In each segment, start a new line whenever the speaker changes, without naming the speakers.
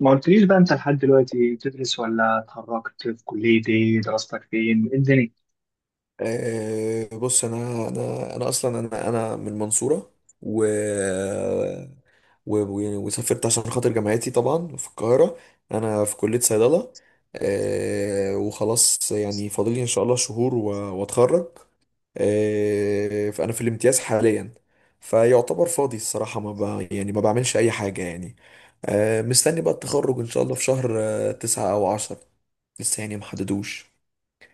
ما قلتليش بقى، انت لحد دلوقتي بتدرس ولا اتخرجت؟ في كلية ايه؟ دراستك فين؟ ايه الدنيا؟
بص، انا اصلا انا من المنصوره. و يعني وسافرت عشان خاطر جامعتي طبعا في القاهره. انا في كليه صيدله. وخلاص يعني فاضل لي ان شاء الله شهور واتخرج. فانا في الامتياز حاليا، فيعتبر فاضي الصراحه، ما ب... يعني ما بعملش اي حاجه يعني. مستني بقى التخرج ان شاء الله في شهر، 9 أو 10. لسه يعني محددوش.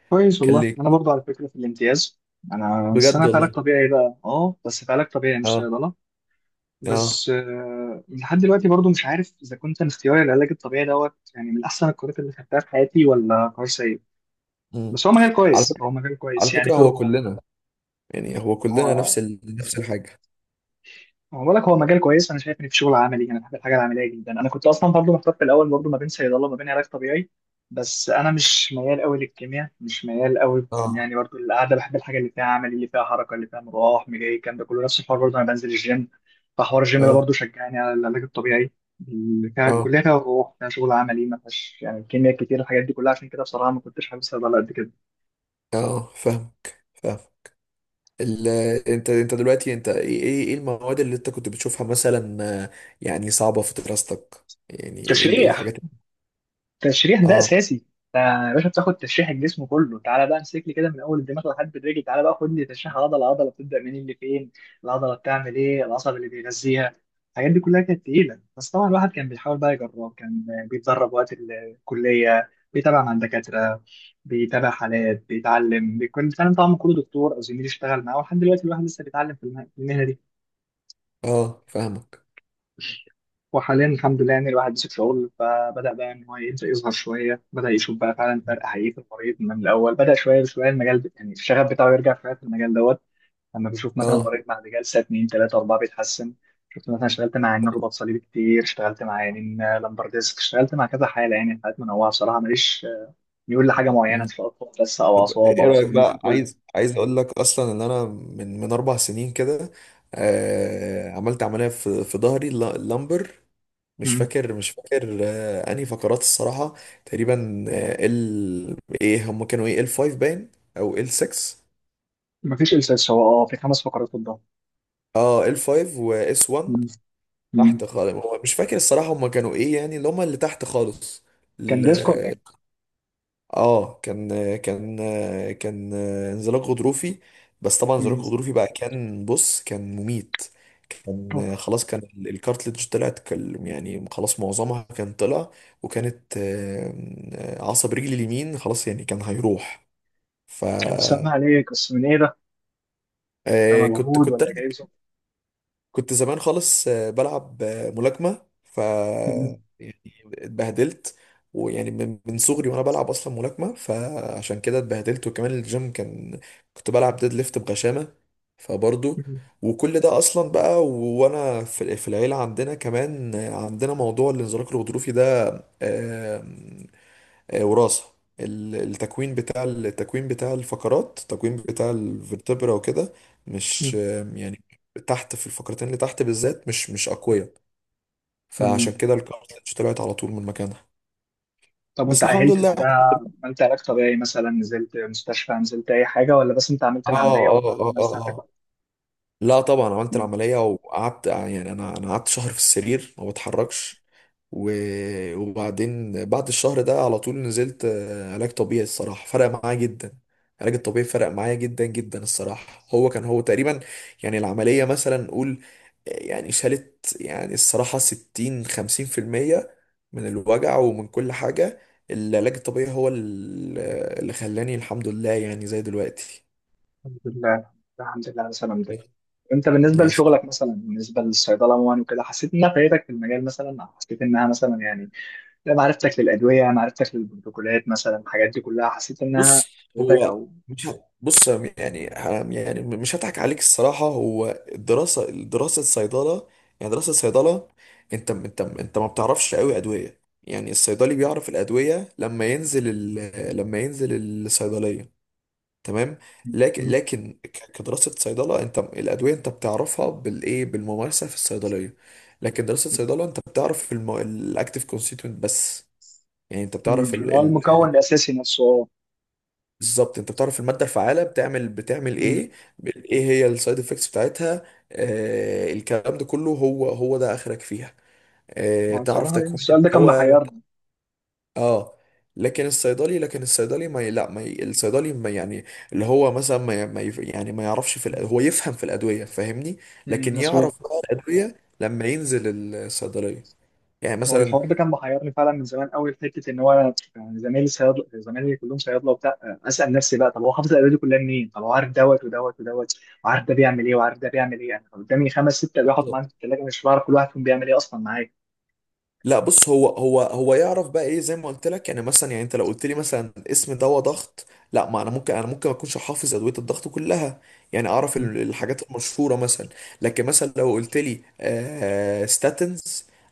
كويس
كان
والله،
لي.
انا برضه على فكرة في الامتياز. انا، بس
بجد
انا في علاج
والله.
طبيعي بقى، اه، بس في علاج طبيعي مش
اه،
صيدلة.
اه.
بس لحد دلوقتي برضه مش عارف اذا كنت انا اختياري العلاج الطبيعي دوت يعني من احسن القرارات اللي خدتها في حياتي ولا قرار سيء.
مم.
بس هو مجال
على
كويس،
فكرة
هو مجال
على
كويس، يعني
فكرة
في
هو
الروح.
كلنا، يعني هو كلنا نفس
هو
نفس الحاجة.
هو بقول لك هو مجال كويس. انا شايف ان في شغل عملي، انا بحب الحاجه العمليه جدا. انا كنت اصلا برضه محتار في الاول برضه ما بين صيدله وما بين علاج طبيعي. بس انا مش ميال قوي للكيمياء، مش ميال قوي،
اه،
يعني برضه القعده. بحب الحاجه اللي فيها عمل، اللي فيها حركه، اللي فيها مروح مجاي، الكلام ده كله نفس الحوار. برضه انا بنزل الجيم، فحوار الجيم ده
اه،
برضه شجعني على العلاج الطبيعي اللي فيها
اه،
كلها، فيها روح، فيها شغل عملي، ما فيهاش يعني كيمياء كتير. الحاجات دي كلها عشان كده بصراحه ما كنتش حابب صيدله قد كده.
اه. فاهمك فاهم. ال... انت دلوقتي انت ايه ايه إيه المواد اللي انت كنت بتشوفها مثلا؟ آه، يعني صعبة في دراستك؟ يعني ايه إيه
تشريح.
الحاجات؟
التشريح ده
اه،
اساسي. انت يا باشا بتاخد تشريح الجسم كله. تعالى بقى امسك لي كده من اول الدماغ لحد الرجل. تعالى بقى خد لي تشريح عضله عضله، بتبدا منين، اللي فين، العضله بتعمل ايه، العصب اللي بيغذيها. الحاجات دي كلها كانت تقيله. بس طبعا الواحد كان بيحاول بقى يجرب، كان بيتدرب وقت الكليه، بيتابع مع الدكاتره، بيتابع حالات، بيتعلم، بيكون بيتعلم طبعا من كل دكتور او زميل يشتغل معاه. ولحد دلوقتي الواحد لسه بيتعلم في المهنه دي.
اه. فاهمك.
وحاليا الحمد لله يعني الواحد مسك شغل، فبدأ بقى إن هو يبدأ يظهر شوية، بدأ يشوف بقى فعلا فرق حقيقي في المريض. من الأول بدأ شوية بشوية المجال يعني الشغف بتاعه يرجع شوية في المجال دوت. لما بيشوف مثلا
اه.
مريض بعد جلسة اتنين تلاتة أربعة بيتحسن. شفت مثلا، اشتغلت مع عيانين رباط صليبي كتير، اشتغلت مع عيانين لمبر ديسك، اشتغلت مع كذا حالة، يعني حالات منوعة بصراحة. ماليش ميول لحاجة معينة إن
مم.
شاء الله، بس أو
طب
أعصاب
ايه
أو
رأيك؟
ظهر
بقى
كله.
عايز اقول لك اصلا ان انا من 4 سنين كده، عملت عملية في ظهري اللامبر. مش
مم.
فاكر مش فاكر انهي فقرات الصراحة. تقريبا، ال ايه هم كانوا ايه، ال 5 باين او ال 6.
مفيش إلساس، هو أه في خمس فقرات قدام.
اه، ال 5 واس 1،
مم. مم.
تحت خالص. هو مش فاكر الصراحة هم كانوا ايه يعني، اللي تحت خالص.
كان ديسك ولا إيه؟
اه. كان كان انزلاق غضروفي، بس طبعا انزلاق
مم.
غضروفي بقى كان، بص، كان مميت.
أوه.
كان خلاص، كان الكارتليج طلعت، يعني خلاص معظمها كان طلع. وكانت عصب رجلي اليمين خلاص يعني كان هيروح. ف
كان سامع عليك، بس من إيه ده؟
كنت
كمجهود
كنت
ولا جاي ظروف؟
كنت زمان خالص، بلعب ملاكمة، ف يعني، اتبهدلت. ويعني من صغري وانا بلعب اصلا ملاكمة، فعشان كده اتبهدلت، وكمان الجيم كان، كنت بلعب ديد ليفت بغشامة، فبرضه. وكل ده اصلا بقى، وانا في العيلة عندنا كمان عندنا موضوع الانزلاق الغضروفي ده. آه، وراثة. التكوين بتاع الفقرات، التكوين بتاع الفرتبرا وكده، مش يعني تحت في الفقرتين اللي تحت بالذات مش أقوياء، فعشان كده الكارتلج طلعت على طول من مكانها.
طب وانت
بس الحمد
عهلت
لله.
بعدها؟ عملت علاج طبيعي مثلا، نزلت مستشفى، نزلت اي حاجه، ولا بس انت عملت
اه،
العمليه وطلعت
اه،
من
اه،
ساعتك؟
اه. لا طبعا، عملت
مم.
العملية وقعدت، يعني أنا قعدت شهر في السرير ما بتحركش. و... وبعدين، بعد الشهر ده على طول نزلت علاج طبيعي، الصراحة فرق معايا جدا. العلاج الطبيعي فرق معايا جدا جدا الصراحة. هو تقريبا، يعني العملية مثلا نقول يعني شالت، يعني الصراحة 60 50% من الوجع ومن كل حاجة. العلاج الطبيعي هو اللي خلاني الحمد لله يعني زي دلوقتي.
الحمد لله. الحمد لله على سلامتك. انت بالنسبه
الله
لشغلك
يسلمك.
مثلا، بالنسبه للصيدله عموما وكده، حسيت انها فايدتك في المجال مثلا، او حسيت انها مثلا يعني، لا، معرفتك للادويه، معرفتك للبروتوكولات مثلا، الحاجات دي كلها حسيت انها
بص،
فادتك
هو
او...
مش ه- بص يعني، حرام يعني، مش هضحك عليك الصراحة. هو الدراسة دراسة صيدلة، يعني دراسة صيدلة، انت ما بتعرفش قوي أدوية. يعني الصيدلي بيعرف الأدوية لما ينزل لما ينزل الصيدلية، تمام.
مم. مم.
كدراسة صيدلة، انت الأدوية انت بتعرفها بالإيه، بالممارسة في الصيدلية. لكن دراسة صيدلة، انت بتعرف الأكتيف كونستيتوينت بس. يعني انت
مم.
بتعرف،
اللي هو المكون الاساسي نفسه، اه.
بالظبط، انت بتعرف الماده الفعاله بتعمل
مم.
ايه، ايه هي السايد افكتس بتاعتها. الكلام ده كله، هو ده اخرك فيها،
هو
تعرف
الصراحه، لأن
تكوين
السؤال ده كان
الدواء.
محيرني.
اه. لكن الصيدلي ما ي- لا ما ي- الصيدلي ما يعني، اللي هو مثلا ما ي- ما يف- يعني ما يعرفش في هو يفهم في الادويه، فاهمني.
مم،
لكن
مظبوط.
يعرف بقى الادويه لما ينزل الصيدليه، يعني
هو
مثلا.
الحوار ده كان محيرني فعلا من زمان قوي في حته ان هو يعني زمايلي صيادله، زمايلي كلهم صيادله وبتاع. اسال نفسي بقى، طب هو حافظ الادويه دي كلها منين؟ طب هو عارف دوت ودوت ودوت، وعارف ده بيعمل ايه، وعارف ده بيعمل ايه، انا قدامي خمس ست ادويه حاطهم عندي في الثلاجه مش بعرف كل واحد فيهم بيعمل ايه اصلا معايا.
لا، بص، هو يعرف بقى ايه، زي ما قلت لك، يعني مثلا، يعني انت لو قلت لي مثلا اسم دواء ضغط. لا، ما انا ممكن ما اكونش حافظ ادويه الضغط كلها، يعني اعرف
مم،
الحاجات المشهوره مثلا. لكن مثلا لو قلت لي ستاتنز،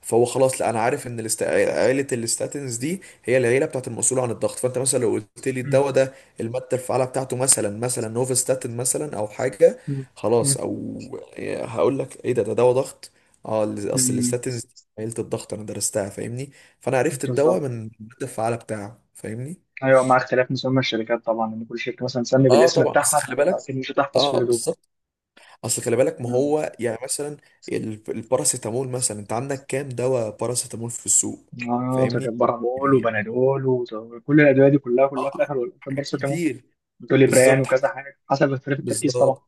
فهو خلاص، لا انا عارف ان عيله الستاتنز دي هي العيله بتاعت المسؤول عن الضغط، فانت مثلا لو قلت لي
مم،
الدواء ده، الماده الفعاله بتاعته مثلا نوفستاتين مثلا او حاجه،
مم،
خلاص،
مم،
او هقول لك ايه، ده دواء ضغط. اه، اصل
مم،
الستاتنز عيلة الضغط انا درستها، فاهمني. فانا عرفت الدواء من
بالظبط.
المادة الفعالة بتاعه، فاهمني.
ايوه، مع اختلاف مسمى الشركات طبعا، ان كل شركه مثلا تسمي
اه
بالاسم
طبعا، اصل
بتاعها،
خلي
فانت
بالك.
اكيد مش هتحفظ
اه،
كل دول.
بالظبط. اصل خلي بالك، ما
مم.
هو يعني مثلا الباراسيتامول مثلا، انت عندك كام دواء باراسيتامول في السوق؟
اه، ده كان
فاهمني،
بارابول
يعني.
وبنادول، وكل الادويه دي كلها كلها
اه،
في الاخر والأخر
حاجات
برضه كمان
كتير.
بتقولي بريان
بالظبط
وكذا حاجة حسب اختلاف التركيز طبعا.
بالظبط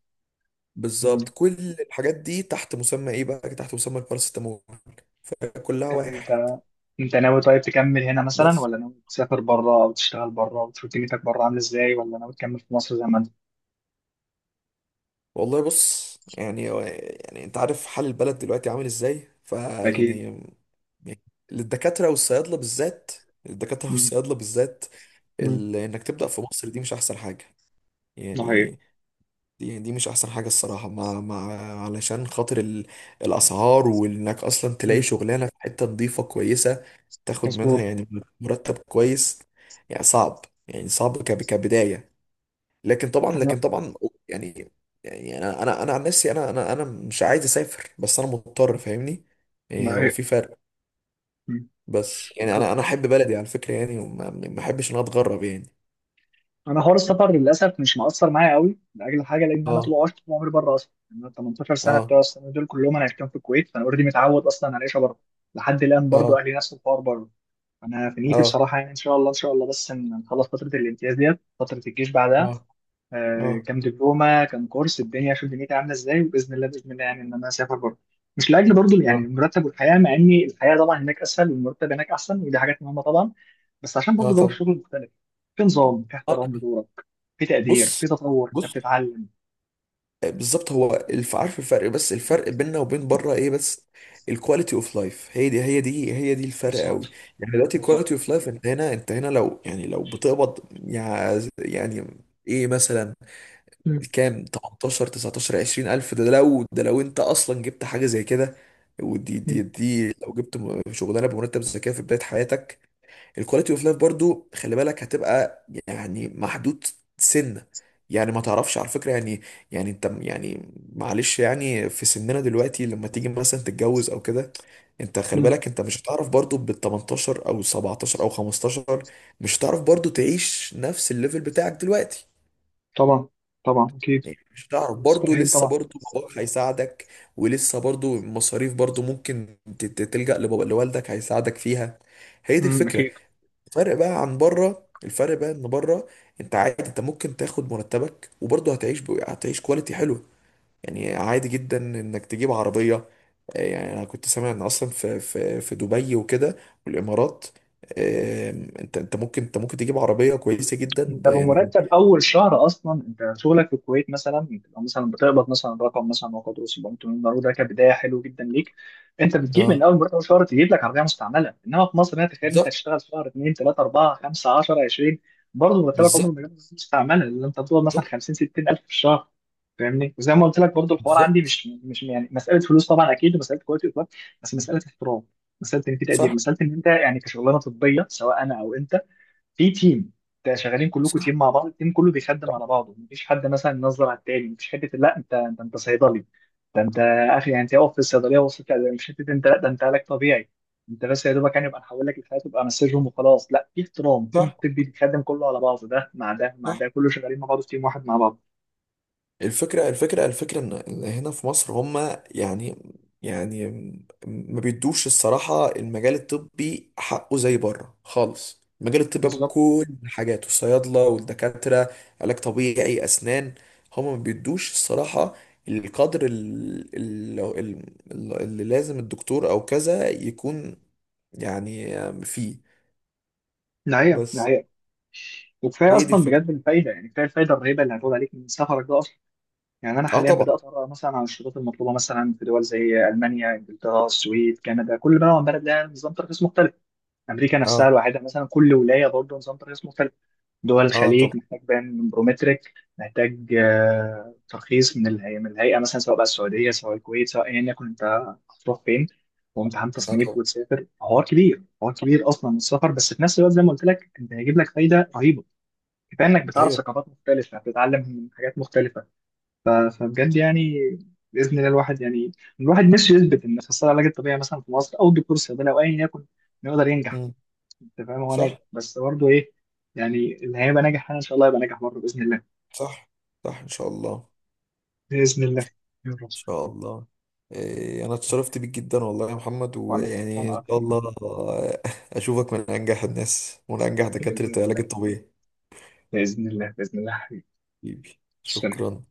بالظبط
مم.
كل الحاجات دي تحت مسمى ايه؟ بقى تحت مسمى الباراسيتامول، فكلها
طب انت
واحد.
انت ناوي طيب تكمل هنا مثلا،
بس
ولا ناوي تسافر بره او تشتغل بره وتشوف دنيتك بره عامله ازاي، ولا ناوي تكمل في مصر زي ما انت؟
والله، بص يعني انت عارف حال البلد دلوقتي عامل ازاي،
اكيد.
فيعني، للدكاترة والصيادلة بالذات. الدكاترة
مم.
والصيادلة بالذات،
مم.
انك تبدأ في مصر دي مش احسن حاجة.
ده حقيقي.
يعني دي مش احسن حاجة الصراحة، مع مع علشان خاطر الاسعار، وانك اصلا
مم.
تلاقي شغلانة في حتة نظيفة كويسة تاخد منها،
مظبوط.
يعني، مرتب كويس. يعني صعب، يعني صعب كبداية. لكن طبعا
انا،
لكن طبعا يعني، يعني انا عن نفسي، انا مش عايز اسافر، بس انا مضطر، فاهمني.
ده
يعني هو
حقيقي.
في فرق.
مم.
بس يعني انا احب بلدي على فكره يعني، وما ما احبش ان انا اتغرب يعني.
انا حوار السفر للاسف مش مؤثر معايا قوي لاجل حاجه، لان انا طول
اه،
عشت طول عمري بره اصلا. يعني انا 18 سنه
اه،
بتوع السنه دول كلهم انا عشتهم في الكويت. فانا اوريدي متعود اصلا على العيشه بره. لحد الان برضو
اه،
اهلي نفس الحوار بره. انا في نيتي
اه،
بصراحه، يعني ان شاء الله ان شاء الله، بس إن نخلص فتره الامتياز ديت، فتره الجيش بعدها،
اه، اه،
كام دبلومه كام كورس، الدنيا اشوف دنيتي عامله ازاي، وباذن الله باذن الله يعني ان انا اسافر بره. مش لاجل برضو يعني
اه،
المرتب والحياه، مع ان الحياه طبعا هناك اسهل والمرتب هناك احسن، ودي حاجات مهمه طبعا. بس عشان برضو جو
طب،
الشغل مختلف. في نظام، في
آه،
احترام لدورك، في تقدير،
بص
في تطور، انت
بص
بتتعلم.
بالظبط، هو عارف الفرق، بس الفرق بيننا وبين بره ايه بس، الكواليتي اوف لايف، هي دي الفرق
بالظبط.
قوي. يعني دلوقتي الكواليتي
بالظبط.
اوف لايف، انت هنا لو بتقبض، يعني ايه مثلا،
مم،
كام؟ 18، 19، 20 الف، ده لو انت اصلا جبت حاجه زي كده. ودي
مم،
دي دي لو جبت شغلانه بمرتب زي كده في بدايه حياتك، الكواليتي اوف لايف برضو خلي بالك هتبقى يعني محدود، سنة، يعني ما تعرفش على فكرة يعني. يعني انت يعني معلش يعني في سننا دلوقتي لما تيجي مثلا تتجوز او كده، انت خلي
مم.
بالك، انت مش هتعرف برضو بال 18 او 17 او 15، مش هتعرف برضو تعيش نفس الليفل بتاعك دلوقتي.
طبعا. طبعا اكيد.
يعني مش هتعرف برضو
مستحيل
لسه
طبعا.
برضو باباك هيساعدك، ولسه برضو المصاريف برضو ممكن تلجأ لبابا لوالدك هيساعدك فيها. هي دي
مم،
الفكرة.
اكيد.
الفرق بقى عن بره، الفرق بقى ان بره، انت عادي، انت ممكن تاخد مرتبك وبرضه هتعيش هتعيش كواليتي حلوه، يعني عادي جدا انك تجيب عربيه. يعني انا كنت سامع ان اصلا في دبي وكده والامارات. انت ممكن تجيب عربيه كويسه جدا
انت
يعني.
بمرتب اول شهر اصلا، انت شغلك في الكويت مثلا بتبقى مثلا بتقبض مثلا رقم مثلا ما قدره $700، ده كبدايه حلو جدا ليك. انت بتجيب من
اه،
اول مرتب، اول شهر تجيب لك عربيه مستعمله، انما في مصر هنا تخيل انت
بالظبط،
تشتغل شهر 2 3 4 5 10 20، برضه مرتبك عمره ما
بالظبط،
جاب مستعمله، لان انت بتقبض مثلا
بالظبط،
50 60 الف في الشهر. فاهمني؟ وزي ما قلت لك برضه الحوار عندي
بالظبط،
مش يعني مساله فلوس طبعا اكيد، ومساله كواليتي. بس مساله احترام، مساله ان في تقدير،
صح،
مساله ان انت يعني كشغلانه طبيه سواء انا او انت في تيم. انت شغالين كلكم تيم
صح،
مع بعض، التيم كله بيخدم على بعضه، مفيش حد مثلا ينظر على التاني، مفيش حته لا انت صيدلي، ده انت اخي. يعني انت اقف في الصيدليه وصلت، لا، مش حته انت، لا ده انت علاج طبيعي، انت بس يا دوبك يعني يبقى نحول لك الحاجات تبقى مسجهم وخلاص. لا، في احترام، التيم
صح،
الطبي بيخدم كله على بعضه، ده مع ده مع
صح.
ده، كله شغالين مع بعض في تيم واحد مع بعض.
الفكرة إن هنا في مصر هما، يعني، يعني ما بيدوش الصراحة المجال الطبي حقه زي بره خالص، المجال الطبي بقى
بالظبط.
بكل حاجاته، الصيادلة والدكاترة، علاج طبيعي، أسنان، هما ما بيدوش الصراحة القدر اللي لازم الدكتور أو كذا يكون، يعني، فيه،
ده هي، ده
بس.
هي. وكفايه
هي دي
اصلا
الفكرة.
بجد الفايده، يعني كفايه الفايده الرهيبه اللي هتقول عليك من سفرك ده. يعني انا
اه
حاليا
طبعا.
بدات اقرا مثلا عن الشروط المطلوبه مثلا في دول زي المانيا، انجلترا، السويد، كندا، كل بلد عن بلد لها نظام ترخيص مختلف. امريكا نفسها
اه،
الواحده مثلا كل ولايه برضه نظام ترخيص مختلف. دول
اه
الخليج
طبعا.
محتاج بيان برومتريك، محتاج ترخيص من الهيئه، من الهيئه مثلا سواء بقى السعوديه سواء الكويت سواء ايا يكن انت هتروح فين، وامتحان
اه
تصنيف
طبعا.
وتسافر. حوار كبير، حوار كبير اصلا السفر، بس في نفس الوقت زي ما قلت لك انت هيجيب لك فايده رهيبه. كفايه انك بتعرف
ايوه.
ثقافات مختلفه بتتعلم من حاجات مختلفه. ف- فبجد يعني، باذن الله الواحد يعني، الواحد نفسه يثبت ان اخصائي العلاج الطبيعي مثلا في مصر او الدكتور الصيدلي او ايا يكن إنه يقدر ينجح.
مم.
انت فاهم؟ هو ناجح
صح،
بس برضه ايه، يعني اللي هيبقى ناجح انا ان شاء الله، يبقى ناجح برضه باذن الله.
صح، صح، ان شاء الله، ان
باذن الله. يا رب.
شاء الله. إيه، انا اتشرفت بيك جدا والله يا محمد،
وانا
ويعني ان
وانا
شاء
اكتر.
الله اشوفك من انجح الناس، ومن انجح دكاترة
باذن
العلاج
الله.
الطبيعي.
باذن الله. باذن الله حبيبي.
حبيبي،
تسلم.
شكرا.